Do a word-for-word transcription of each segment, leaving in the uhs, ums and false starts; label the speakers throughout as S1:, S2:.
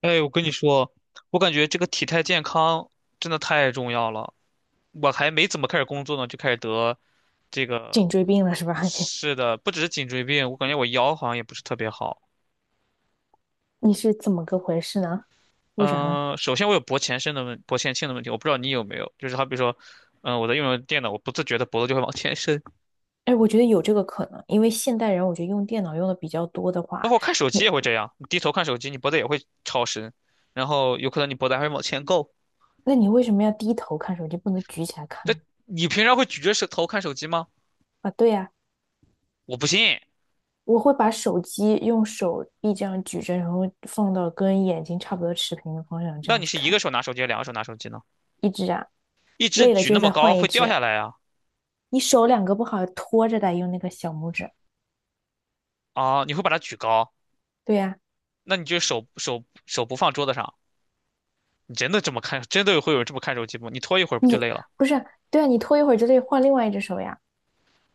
S1: 哎，我跟你说，我感觉这个体态健康真的太重要了。我还没怎么开始工作呢，就开始得这个。
S2: 颈椎病了是吧？
S1: 是的，不只是颈椎病，我感觉我腰好像也不是特别好。
S2: 你是怎么个回事呢？为啥呢？
S1: 嗯、首先我有脖前伸的问，脖前倾的问题，我不知道你有没有。就是好比说，嗯、我在用着电脑，我不自觉的脖子就会往前伸，
S2: 哎，我觉得有这个可能，因为现代人我觉得用电脑用的比较多的
S1: 包
S2: 话，
S1: 括看手
S2: 你
S1: 机也会这样。你低头看手机，你脖子也会超伸，然后有可能你脖子还会往前够。
S2: 那你为什么要低头看手机，不能举起来看
S1: 这
S2: 呢？
S1: 你平常会举着手头看手机吗？
S2: 啊，对呀，
S1: 我不信。
S2: 我会把手机用手臂这样举着，然后放到跟眼睛差不多持平的方向这
S1: 那
S2: 样
S1: 你
S2: 子
S1: 是一个
S2: 看。
S1: 手拿手机，两个手拿手机呢？
S2: 一只啊，
S1: 一直
S2: 累了
S1: 举
S2: 就
S1: 那么
S2: 再
S1: 高
S2: 换一
S1: 会掉
S2: 只。
S1: 下来啊。
S2: 你手两个不好拖着的，用那个小拇指。
S1: 啊！你会把它举高，
S2: 对呀，
S1: 那你就手手手不放桌子上。你真的这么看？真的会有人这么看手机吗？你拖一会儿不就累了
S2: 不是啊，对啊，你拖一会儿就得换另外一只手呀。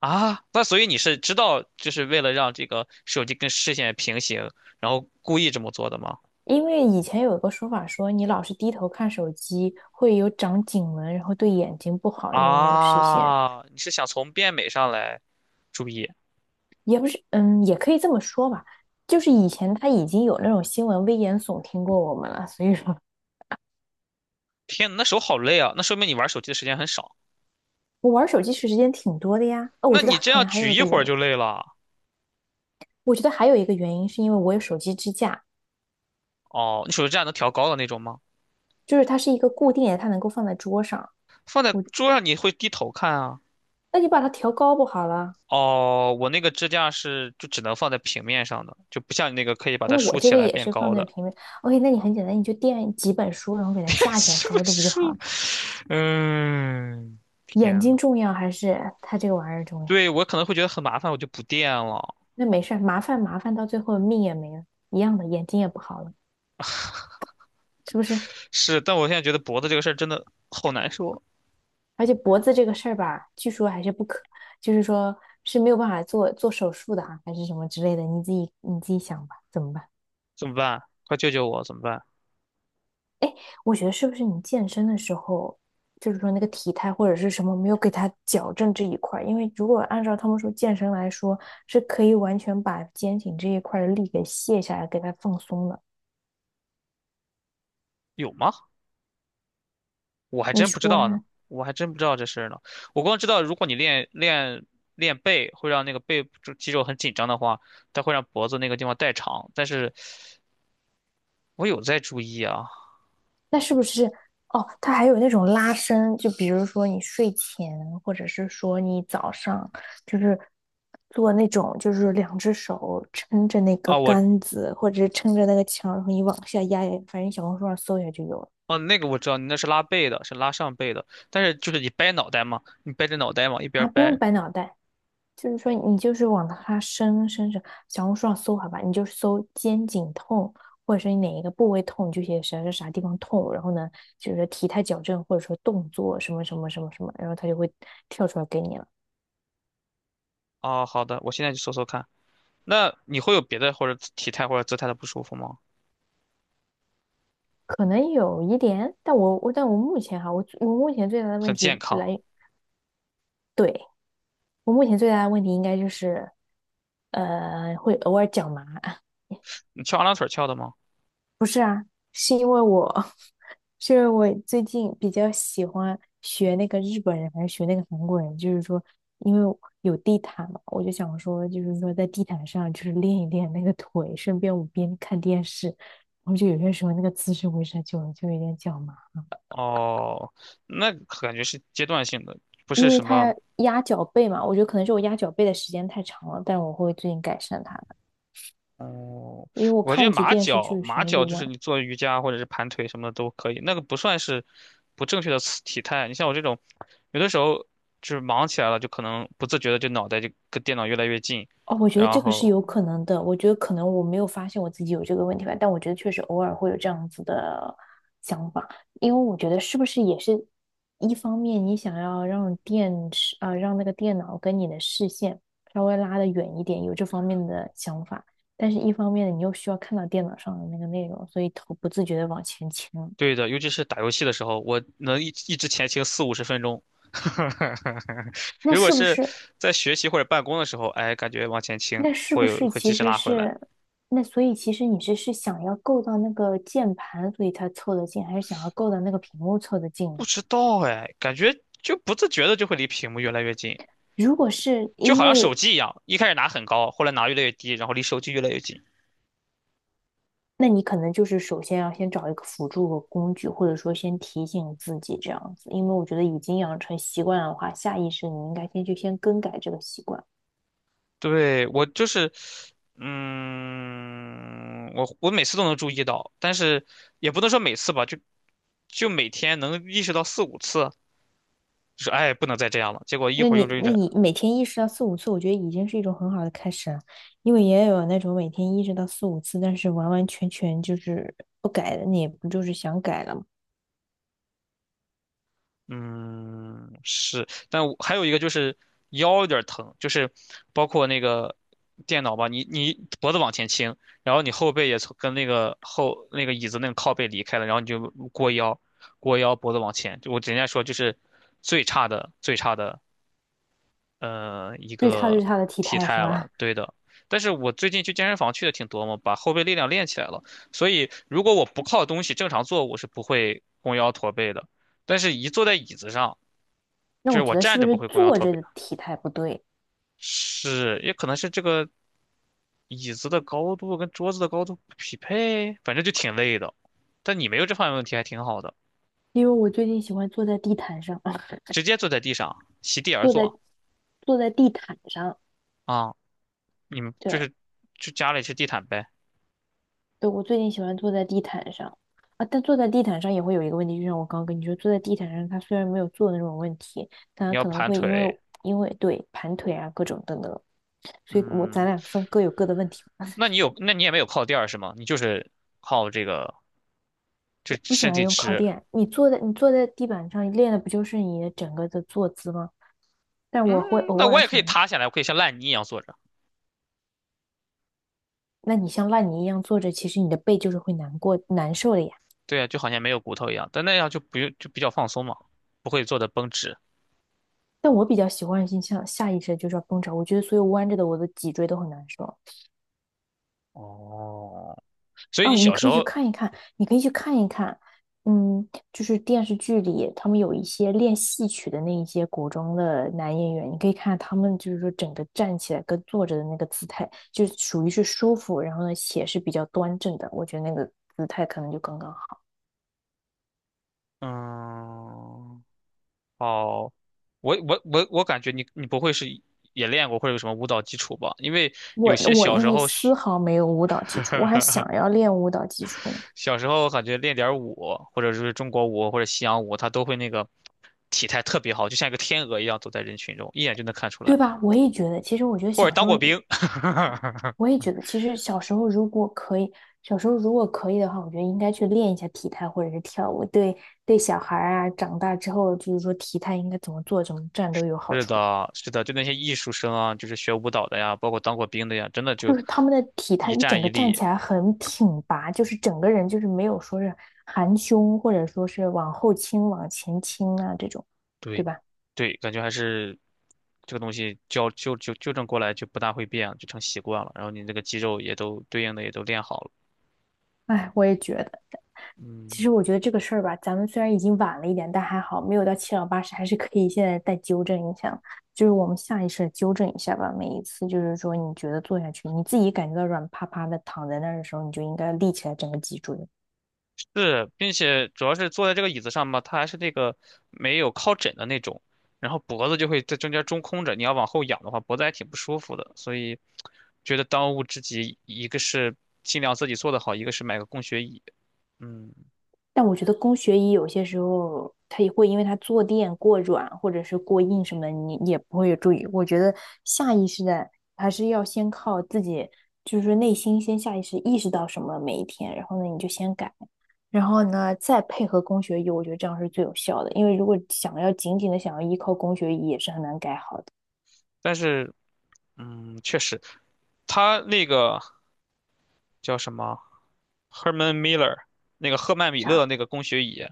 S1: 啊？那所以你是知道，就是为了让这个手机跟视线平行，然后故意这么做的吗？
S2: 因为以前有一个说法说，你老是低头看手机会有长颈纹，然后对眼睛不好，因为那个视线
S1: 啊，你是想从变美上来注意？
S2: 也不是，嗯，也可以这么说吧。就是以前他已经有那种新闻危言耸听过我们了，所以说
S1: 天呐，那手好累啊！那说明你玩手机的时间很少。
S2: 我玩手机时间挺多的呀。哦，我
S1: 那
S2: 觉得
S1: 你这
S2: 可
S1: 样
S2: 能还有
S1: 举
S2: 一
S1: 一
S2: 个
S1: 会
S2: 原
S1: 儿
S2: 因。
S1: 就累了。
S2: 我觉得还有一个原因是因为我有手机支架，
S1: 哦，你手机这样能调高的那种吗？
S2: 就是它是一个固定的，它能够放在桌上。
S1: 放在
S2: 我，
S1: 桌上你会低头看啊。
S2: 那你把它调高不好了？
S1: 哦，我那个支架是就只能放在平面上的，就不像你那个可以把它
S2: 那我
S1: 竖
S2: 这
S1: 起
S2: 个
S1: 来
S2: 也
S1: 变
S2: 是放
S1: 高
S2: 在
S1: 的。
S2: 平面。OK，那你很简单，你就垫几本书，然后给它 架起来
S1: 什么
S2: 高度不就好
S1: 竖？
S2: 了？
S1: 嗯，
S2: 眼
S1: 天
S2: 睛
S1: 呐。
S2: 重要还是他这个玩意儿重要？
S1: 对，我可能会觉得很麻烦，我就不垫了。
S2: 那没事儿，麻烦麻烦到最后命也没了，一样的，眼睛也不好了，是不是？
S1: 是，但我现在觉得脖子这个事儿真的好难受。
S2: 而且脖子这个事儿吧，据说还是不可，就是说是没有办法做做手术的啊，还是什么之类的，你自己你自己想吧，怎么办？
S1: 怎么办？快救救我，怎么办？
S2: 哎，我觉得是不是你健身的时候，就是说那个体态或者是什么没有给他矫正这一块儿？因为如果按照他们说健身来说，是可以完全把肩颈这一块儿的力给卸下来，给它放松的，
S1: 有吗？我还
S2: 你
S1: 真不知
S2: 说
S1: 道呢，
S2: 呢？
S1: 我还真不知道这事儿呢。我光知道，如果你练练练背，会让那个背部肌肉很紧张的话，它会让脖子那个地方代偿。但是我有在注意啊。
S2: 那是不是哦？它还有那种拉伸，就比如说你睡前，或者是说你早上，就是做那种，就是两只手撑着那个
S1: 啊，我
S2: 杆子，或者是撑着那个墙，然后你往下压压，反正小红书上搜一下就有了。
S1: 哦，那个我知道，你那是拉背的，是拉上背的，但是就是你掰脑袋嘛，你掰着脑袋往一边儿
S2: 啊，不用
S1: 掰。
S2: 掰脑袋。就是说你就是往它深深深小红书上搜好吧，你就搜肩颈痛，或者说你哪一个部位痛，你就写啥啥啥地方痛，然后呢，就是体态矫正或者说动作什么什么什么什么，然后它就会跳出来给你了。
S1: 哦，好的，我现在去搜搜看。那你会有别的或者体态或者姿态的不舒服吗？
S2: 可能有一点，但我我但我目前哈，我我目前最大的问
S1: 很健
S2: 题
S1: 康。
S2: 来，对，我目前最大的问题应该就是，呃，会偶尔脚麻。
S1: 你翘二郎腿儿翘的吗？
S2: 是因为我，是因为我最近比较喜欢学那个日本人还是学那个韩国人，就是说，因为有地毯嘛，我就想说，就是说在地毯上就是练一练那个腿，顺便我边看电视，然后就有些时候那个姿势维持久了就有点脚麻，
S1: 哦，那感觉是阶段性的，不
S2: 因
S1: 是
S2: 为
S1: 什
S2: 他
S1: 么。
S2: 要压脚背嘛，我觉得可能是我压脚背的时间太长了，但我会最近改善它的，
S1: 哦，
S2: 因为我
S1: 我觉
S2: 看
S1: 得
S2: 一集
S1: 马
S2: 电视剧
S1: 脚，
S2: 的时
S1: 马
S2: 间就
S1: 脚就
S2: 忘
S1: 是
S2: 了。
S1: 你做瑜伽或者是盘腿什么的都可以，那个不算是不正确的姿体态。你像我这种，有的时候就是忙起来了，就可能不自觉的就脑袋就跟电脑越来越近，
S2: 哦，我觉得
S1: 然
S2: 这个是
S1: 后
S2: 有可能的。我觉得可能我没有发现我自己有这个问题吧，但我觉得确实偶尔会有这样子的想法，因为我觉得是不是也是一方面，你想要让电视啊、让那个电脑跟你的视线稍微拉得远一点，有这方面的想法，但是一方面你又需要看到电脑上的那个内容，所以头不自觉的往前倾了。
S1: 对的，尤其是打游戏的时候，我能一一直前倾四五十分钟。
S2: 那
S1: 如果
S2: 是不
S1: 是
S2: 是？
S1: 在学习或者办公的时候，哎，感觉往前倾
S2: 那是
S1: 会
S2: 不
S1: 有
S2: 是
S1: 会
S2: 其
S1: 及时
S2: 实
S1: 拉回来。
S2: 是，那所以其实你是是想要够到那个键盘，所以才凑得近，还是想要够到那个屏幕凑得
S1: 不
S2: 近？
S1: 知道哎，感觉就不自觉的就会离屏幕越来越近。
S2: 如果是
S1: 就
S2: 因
S1: 好像手
S2: 为，
S1: 机一样，一开始拿很高，后来拿越来越低，然后离手机越来越近。
S2: 那你可能就是首先要先找一个辅助的工具，或者说先提醒自己这样子，因为我觉得已经养成习惯的话，下意识你应该先去先更改这个习惯。
S1: 对，我就是，嗯，我我每次都能注意到，但是也不能说每次吧，就就每天能意识到四五次，就是哎，不能再这样了。结果一
S2: 那
S1: 会儿用着
S2: 你
S1: 用
S2: 那
S1: 着，
S2: 你每天意识到四五次，我觉得已经是一种很好的开始了，因为也有那种每天意识到四五次，但是完完全全就是不改的，你也不就是想改了吗？
S1: 嗯，是，但我还有一个就是腰有点儿疼，就是包括那个电脑吧，你你脖子往前倾，然后你后背也从跟那个后那个椅子那个靠背离开了，然后你就过腰，过腰脖子往前，就我人家说就是最差的最差的呃一
S2: 最差最
S1: 个
S2: 差的体
S1: 体
S2: 态是
S1: 态了，
S2: 吧？
S1: 对的。但是我最近去健身房去的挺多嘛，把后背力量练起来了，所以如果我不靠东西正常坐，我是不会弓腰驼背的。但是一坐在椅子上，
S2: 那
S1: 就是
S2: 我
S1: 我
S2: 觉得是
S1: 站
S2: 不
S1: 着不
S2: 是
S1: 会弓腰
S2: 坐
S1: 驼
S2: 着
S1: 背，
S2: 的体态不对？
S1: 是也可能是这个椅子的高度跟桌子的高度不匹配，反正就挺累的。但你没有这方面问题，还挺好的。
S2: 因为我最近喜欢坐在地毯上，
S1: 直接坐在地上，席地而
S2: 坐在
S1: 坐
S2: 坐在地毯上。
S1: 啊。你们就
S2: 对。
S1: 是就家里是地毯呗。
S2: 对，我最近喜欢坐在地毯上。啊，但坐在地毯上也会有一个问题，就像我刚刚跟你说，坐在地毯上，它虽然没有坐的那种问题，但
S1: 你
S2: 它
S1: 要
S2: 可能
S1: 盘
S2: 会因为
S1: 腿，
S2: 因为对盘腿啊各种等等，所以我咱
S1: 嗯，
S2: 俩算各有各的问题吧。
S1: 那 你有那你也没有靠垫儿是吗？你就是靠这个就
S2: 不喜
S1: 身
S2: 欢
S1: 体
S2: 用靠
S1: 直。
S2: 垫，你坐在你坐在地板上练的不就是你的整个的坐姿吗？但我会
S1: 嗯，
S2: 偶
S1: 那我
S2: 尔
S1: 也可
S2: 想
S1: 以
S2: 着。
S1: 塌下来，我可以像烂泥一样坐着，
S2: 那你像烂泥一样坐着，其实你的背就是会难过难受的呀。
S1: 对啊，就好像没有骨头一样，但那样就不用就比较放松嘛，不会坐的绷直。
S2: 但我比较习惯性向下意识地就是要绷着，我觉得所有弯着的我的脊椎都很难受。
S1: 哦，所以你
S2: 哦，你
S1: 小
S2: 可
S1: 时
S2: 以去
S1: 候，
S2: 看一看，你可以去看一看，嗯，就是电视剧里他们有一些练戏曲的那一些古装的男演员，你可以看他们就是说整个站起来跟坐着的那个姿态，就属于是舒服，然后呢且是比较端正的，我觉得那个姿态可能就刚刚好。
S1: 嗯，哦，我我我我感觉你你不会是也练过或者有什么舞蹈基础吧？因为有
S2: 我
S1: 些
S2: 我
S1: 小时
S2: 一
S1: 候学
S2: 丝毫没有舞蹈基础，我还想要练舞蹈基础呢，
S1: 小时候感觉练点儿舞，或者是中国舞或者西洋舞，他都会那个体态特别好，就像一个天鹅一样走在人群中，一眼就能看出
S2: 对
S1: 来。
S2: 吧？我也觉得，其实我觉得
S1: 或者
S2: 小时
S1: 当
S2: 候
S1: 过兵。
S2: 我也觉得，其实小时候如果可以，小时候如果可以的话，我觉得应该去练一下体态或者是跳舞，对对小孩儿啊，长大之后就是说体态应该怎么做，怎么站都有好
S1: 是
S2: 处。
S1: 的，是的，就那些艺术生啊，就是学舞蹈的呀，包括当过兵的呀，真的
S2: 就
S1: 就
S2: 是他们的体态
S1: 一
S2: 一整
S1: 站一
S2: 个站
S1: 立。
S2: 起来很挺拔，就是整个人就是没有说是含胸或者说是往后倾、往前倾啊这种，对
S1: 对，
S2: 吧？
S1: 对，感觉还是这个东西纠纠纠纠正过来就不大会变，就成习惯了。然后你那个肌肉也都对应的也都练好了。
S2: 哎，我也觉得。其
S1: 嗯，
S2: 实我觉得这个事儿吧，咱们虽然已经晚了一点，但还好没有到七老八十，还是可以现在再纠正一下，就是我们下意识地纠正一下吧。每一次就是说你觉得坐下去，你自己感觉到软趴趴的躺在那儿的时候，你就应该立起来整个脊椎。
S1: 是，并且主要是坐在这个椅子上吧，它还是那个没有靠枕的那种，然后脖子就会在中间中空着，你要往后仰的话，脖子还挺不舒服的。所以觉得当务之急，一个是尽量自己做得好，一个是买个供学椅。嗯，
S2: 但我觉得工学椅有些时候它也会因为它坐垫过软或者是过硬什么的，你也不会有注意。我觉得下意识的还是要先靠自己，就是内心先下意识意识到什么每一天，然后呢你就先改。然后呢，再配合供学医，我觉得这样是最有效的。因为如果想要紧紧的想要依靠供学医，也是很难改好的。
S1: 但是嗯，确实，它那个叫什么？H E R M A N, M I L L E R 那个赫曼米
S2: 啥？
S1: 勒那个工学椅，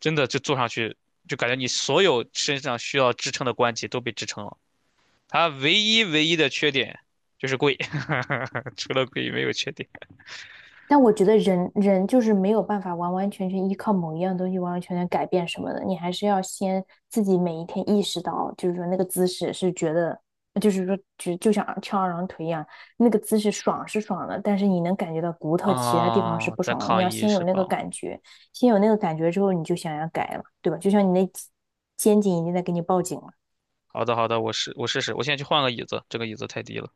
S1: 真的就坐上去就感觉你所有身上需要支撑的关节都被支撑了。它唯一唯一的缺点就是贵，除了贵没有缺点。
S2: 但我觉得人人就是没有办法完完全全依靠某一样东西完完全全改变什么的，你还是要先自己每一天意识到，就是说那个姿势是觉得，就是说就就像翘二郎腿一样，那个姿势爽是爽了，但是你能感觉到骨头其他地方是
S1: 啊、
S2: 不
S1: 在
S2: 爽了。你
S1: 抗
S2: 要
S1: 议
S2: 先
S1: 是
S2: 有那个
S1: 吧？
S2: 感觉，先有那个感觉之后，你就想要改了，对吧？就像你那肩颈已经在给你报警了。
S1: 好的好的，我试我试试，我现在去换个椅子，这个椅子太低了。